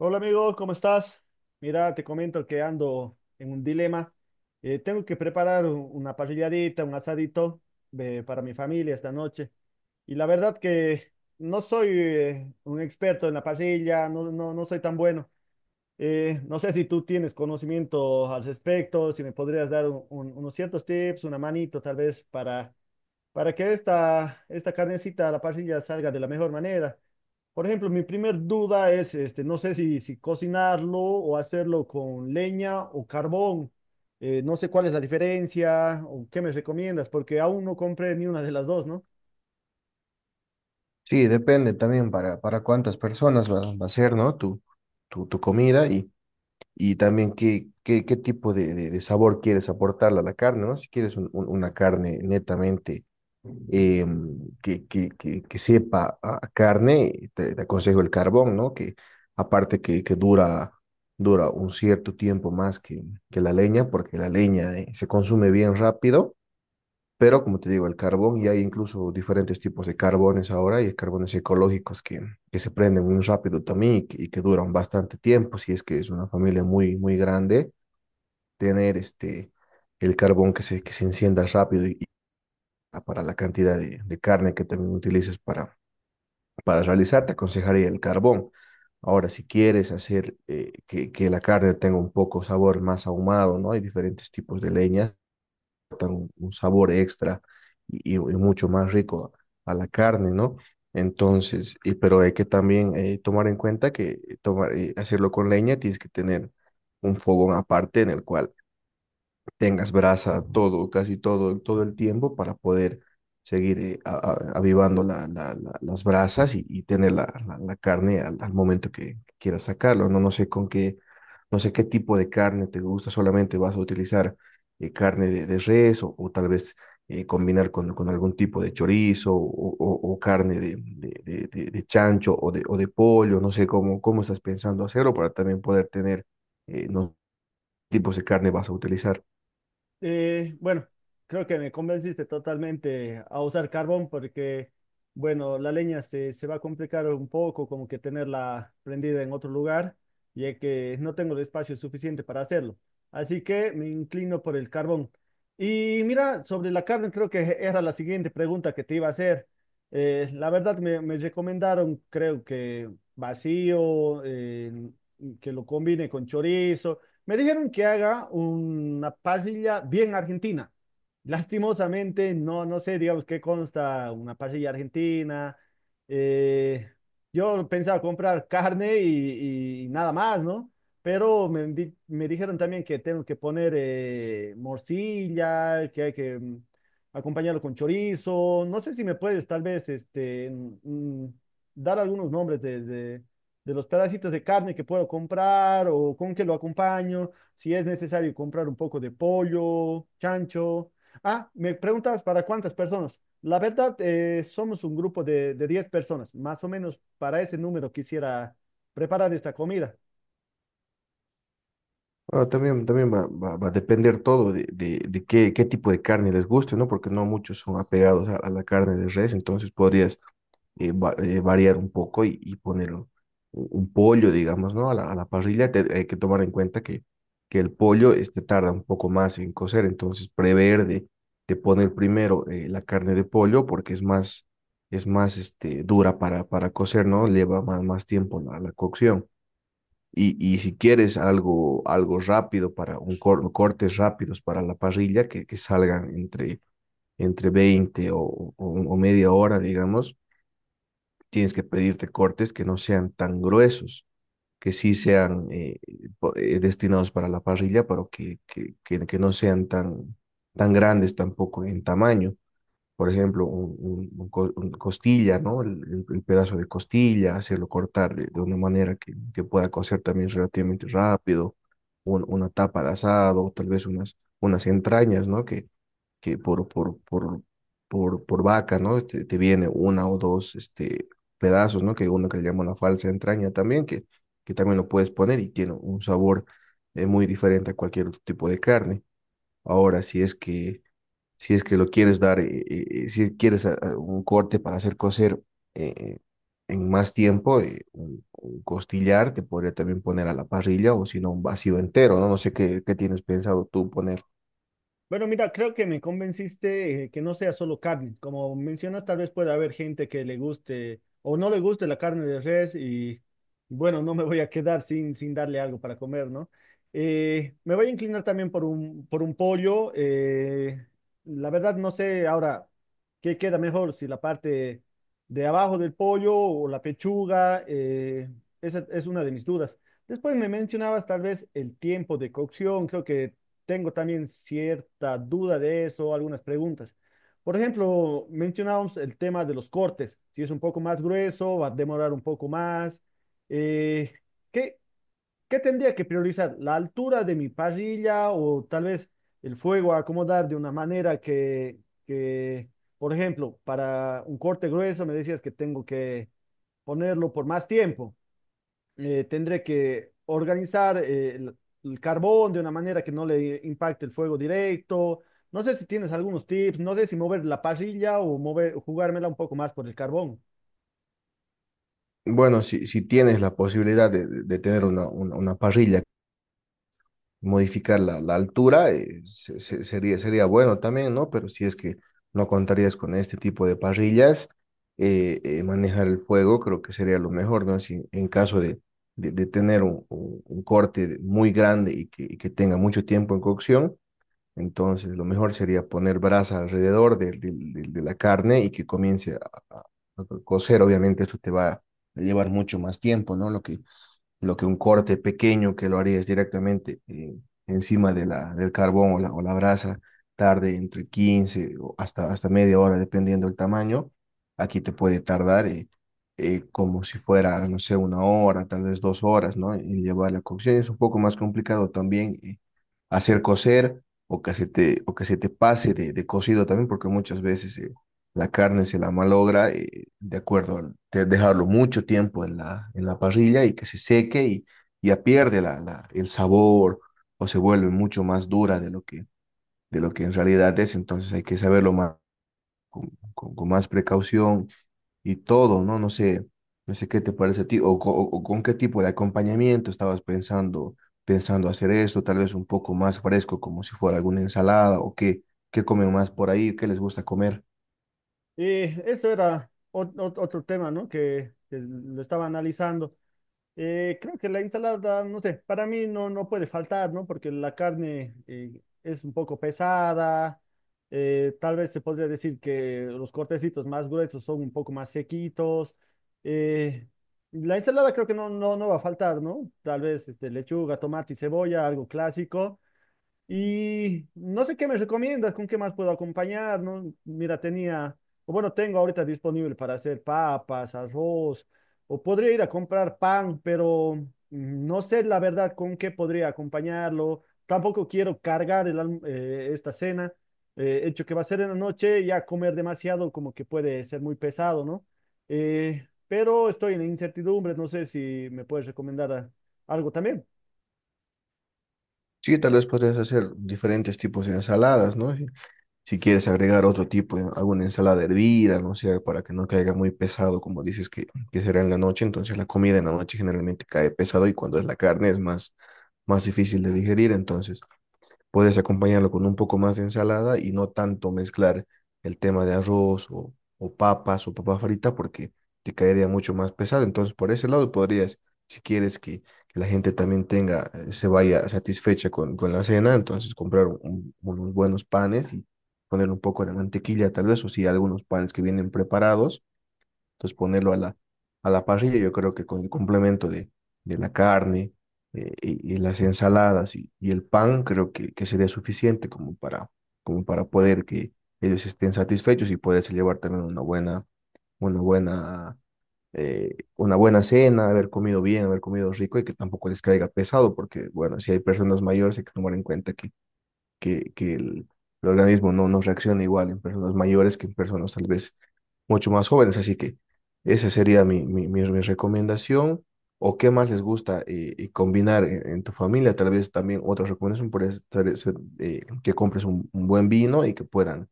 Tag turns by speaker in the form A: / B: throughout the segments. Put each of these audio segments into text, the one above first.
A: Hola amigo, ¿cómo estás? Mira, te comento que ando en un dilema. Tengo que preparar una parrilladita, un asadito para mi familia esta noche. Y la verdad que no soy un experto en la parrilla, no, no, no soy tan bueno. No sé si tú tienes conocimiento al respecto, si me podrías dar unos ciertos tips, una manito tal vez para que esta carnecita a la parrilla salga de la mejor manera. Por ejemplo, mi primer duda es, este, no sé si cocinarlo o hacerlo con leña o carbón. No sé cuál es la diferencia o qué me recomiendas, porque aún no compré ni una de las dos, ¿no?
B: Sí, depende también para cuántas personas va a ser, ¿no? Tu comida y también qué tipo de sabor quieres aportarle a la carne, ¿no? Si quieres una carne netamente que sepa a carne, te aconsejo el carbón, ¿no? Que aparte que dura un cierto tiempo más que la leña, porque la leña se consume bien rápido. Pero como te digo, el carbón. Y hay incluso diferentes tipos de carbones ahora, y hay carbones ecológicos que se prenden muy rápido también y que duran bastante tiempo. Si es que es una familia muy, muy grande, tener este, el carbón que se encienda rápido y para la cantidad de carne que también utilices para realizar, te aconsejaría el carbón. Ahora, si quieres hacer que la carne tenga un poco sabor más ahumado, ¿no? Hay diferentes tipos de leñas, un sabor extra y mucho más rico a la carne, ¿no? Entonces, pero hay que también tomar en cuenta que hacerlo con leña. Tienes que tener un fogón aparte en el cual tengas brasa todo, casi todo, todo el tiempo para poder seguir avivando las brasas y tener la carne al momento que quieras sacarlo, ¿no? No sé qué tipo de carne te gusta, solamente vas a utilizar carne de res o tal vez combinar con algún tipo de chorizo o carne de chancho o de pollo. No sé cómo estás pensando hacerlo para también poder tener no tipos de carne vas a utilizar.
A: Bueno, creo que me convenciste totalmente a usar carbón porque, bueno, la leña se va a complicar un poco, como que tenerla prendida en otro lugar, ya que no tengo el espacio suficiente para hacerlo. Así que me inclino por el carbón. Y mira, sobre la carne, creo que era la siguiente pregunta que te iba a hacer. La verdad, me recomendaron, creo que vacío, que lo combine con chorizo. Me dijeron que haga una parrilla bien argentina. Lastimosamente, no, no sé, digamos, qué consta una parrilla argentina. Eh, yo pensaba comprar carne y nada más, ¿no? Pero me dijeron también que tengo que poner morcilla, que hay que acompañarlo con chorizo. No sé si me puedes tal vez este, dar algunos nombres de los pedacitos de carne que puedo comprar o con qué lo acompaño, si es necesario comprar un poco de pollo, chancho. Ah, me preguntabas para cuántas personas. La verdad, somos un grupo de 10 personas. Más o menos para ese número quisiera preparar esta comida.
B: Ah, también va a depender todo de qué tipo de carne les guste, ¿no? Porque no muchos son apegados a la carne de res, entonces podrías variar un poco y poner un pollo, digamos, ¿no? A la parrilla. Hay que tomar en cuenta que el pollo este, tarda un poco más en cocer, entonces prever de poner primero la carne de pollo porque es más, este, dura para cocer, ¿no? Lleva más, más tiempo la cocción. Y si quieres algo, rápido para cortes rápidos para la parrilla que salgan entre 20 o media hora, digamos, tienes que pedirte cortes que no sean tan gruesos, que sí sean destinados para la parrilla, pero que no sean tan, tan grandes tampoco en tamaño. Por ejemplo, un costilla, ¿no? El pedazo de costilla, hacerlo cortar de una manera que pueda cocer también relativamente rápido, una tapa de asado, o tal vez unas entrañas, ¿no? Que por vaca, ¿no? Te viene una o dos pedazos, ¿no? Que uno que le llama una falsa entraña también, que también lo puedes poner y tiene un sabor muy diferente a cualquier otro tipo de carne. Ahora, si es que lo quieres dar, si quieres a un corte para hacer cocer eh, eh, en más tiempo, un costillar te podría también poner a la parrilla, o si no un vacío entero, ¿no? No sé qué tienes pensado tú poner.
A: Bueno, mira, creo que me convenciste que no sea solo carne. Como mencionas, tal vez pueda haber gente que le guste o no le guste la carne de res y bueno, no me voy a quedar sin darle algo para comer, ¿no? Me voy a inclinar también por por un pollo. La verdad, no sé ahora qué queda mejor, si la parte de abajo del pollo o la pechuga. Esa es una de mis dudas. Después me mencionabas tal vez el tiempo de cocción. Creo que tengo también cierta duda de eso, algunas preguntas. Por ejemplo, mencionábamos el tema de los cortes. Si es un poco más grueso, va a demorar un poco más. Eh, ¿qué, Qué tendría que priorizar? ¿La altura de mi parrilla o tal vez el fuego a acomodar de una manera que, por ejemplo, para un corte grueso me decías que tengo que ponerlo por más tiempo? Tendré que organizar el carbón de una manera que no le impacte el fuego directo. No sé si tienes algunos tips, no sé si mover la parrilla o mover, jugármela un poco más por el carbón.
B: Bueno, si tienes la posibilidad de tener una parrilla, modificar la altura, sería bueno también, ¿no? Pero si es que no contarías con este tipo de parrillas, manejar el fuego creo que sería lo mejor, ¿no? Si en caso de tener un corte muy grande y que tenga mucho tiempo en cocción, entonces lo mejor sería poner brasa alrededor de de la carne y que comience a cocer. Obviamente, eso te va a llevar mucho más tiempo, ¿no? Lo que un corte pequeño que lo harías directamente encima de del carbón o la brasa, tarde entre 15 o hasta media hora, dependiendo del tamaño. Aquí te puede tardar como si fuera, no sé, una hora, tal vez 2 horas, ¿no? En llevar la cocción. Es un poco más complicado también hacer cocer, o que se te pase de cocido también, porque muchas veces la carne se la malogra de acuerdo al de dejarlo mucho tiempo en la, parrilla y que se seque y ya pierde el sabor, o se vuelve mucho más dura de lo que en realidad es. Entonces hay que saberlo más, con más precaución y todo, ¿no? No sé qué te parece a ti, o con qué tipo de acompañamiento estabas pensando hacer esto. Tal vez un poco más fresco, como si fuera alguna ensalada, o qué comen más por ahí, qué les gusta comer.
A: Y eso era otro tema, ¿no? Que lo estaba analizando. Creo que la ensalada, no sé, para mí no, no puede faltar, ¿no? Porque la carne es un poco pesada, tal vez se podría decir que los cortecitos más gruesos son un poco más sequitos. eh, la ensalada creo que no, no, no va a faltar, ¿no? Tal vez este, lechuga, tomate y cebolla, algo clásico. Y no sé qué me recomiendas, con qué más puedo acompañar, ¿no? Mira, tenía, o bueno, tengo ahorita disponible para hacer papas, arroz, o podría ir a comprar pan, pero no sé la verdad con qué podría acompañarlo. Tampoco quiero cargar esta cena, hecho que va a ser en la noche, ya comer demasiado como que puede ser muy pesado, ¿no? Pero estoy en incertidumbre, no sé si me puedes recomendar ah, algo también.
B: Sí, tal vez podrías hacer diferentes tipos de ensaladas, ¿no? Si, si quieres agregar otro tipo, alguna ensalada hervida, no sé, para que no caiga muy pesado, como dices que será en la noche. Entonces la comida en la noche generalmente cae pesado, y cuando es la carne es más, más difícil de digerir. Entonces puedes acompañarlo con un poco más de ensalada y no tanto mezclar el tema de arroz o papas o papa frita, porque te caería mucho más pesado. Entonces, por ese lado podrías, si quieres que la gente también tenga, se vaya satisfecha con la cena, entonces comprar unos buenos panes y poner un poco de mantequilla tal vez, o si hay algunos panes que vienen preparados, entonces ponerlo a la, parrilla. Yo creo que con el complemento de la carne y las ensaladas y el pan, creo que sería suficiente como para poder que ellos estén satisfechos y poderse llevar también una buena, una buena cena, haber comido bien, haber comido rico y que tampoco les caiga pesado. Porque bueno, si hay personas mayores hay que tomar en cuenta que el organismo no reacciona igual en personas mayores que en personas tal vez mucho más jóvenes. Así que esa sería mi recomendación. ¿O qué más les gusta combinar en tu familia? Tal vez también otra recomendación puede ser, que compres un buen vino y que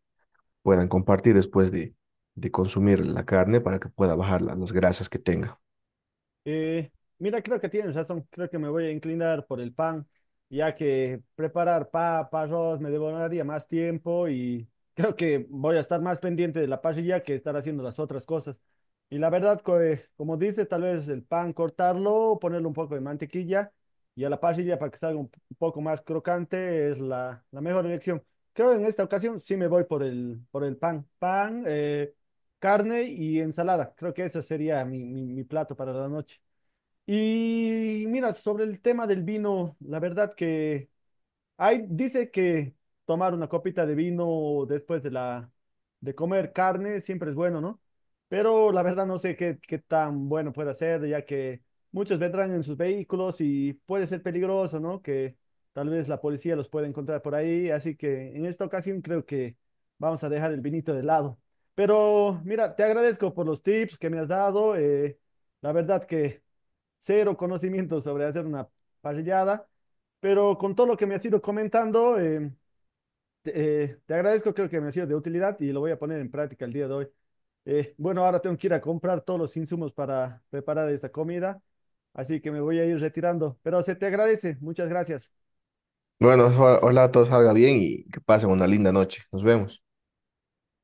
B: puedan compartir después de consumir la carne, para que pueda bajar las grasas que tenga.
A: Eh, Mira, creo que tienes razón. Creo que me voy a inclinar por el pan, ya que preparar papa, arroz me demoraría más tiempo y creo que voy a estar más pendiente de la parrilla que estar haciendo las otras cosas. Y la verdad, como dices, tal vez el pan cortarlo, ponerle un poco de mantequilla y a la parrilla para que salga un poco más crocante es la, la mejor elección. Creo en esta ocasión sí me voy por por el pan. Pan, carne y ensalada. Creo que ese sería mi, mi plato para la noche. Y mira, sobre el tema del vino, la verdad que hay, dice que tomar una copita de vino después de la de comer carne siempre es bueno, ¿no? Pero la verdad no sé qué tan bueno puede ser, ya que muchos vendrán en sus vehículos y puede ser peligroso, ¿no? Que tal vez la policía los pueda encontrar por ahí. Así que en esta ocasión creo que vamos a dejar el vinito de lado. Pero mira, te agradezco por los tips que me has dado. La verdad que cero conocimiento sobre hacer una parrillada, pero con todo lo que me has ido comentando, te agradezco, creo que me ha sido de utilidad y lo voy a poner en práctica el día de hoy. Bueno, ahora tengo que ir a comprar todos los insumos para preparar esta comida, así que me voy a ir retirando, pero se te agradece, muchas gracias.
B: Bueno, ojalá todo salga bien y que pasen una linda noche. Nos vemos.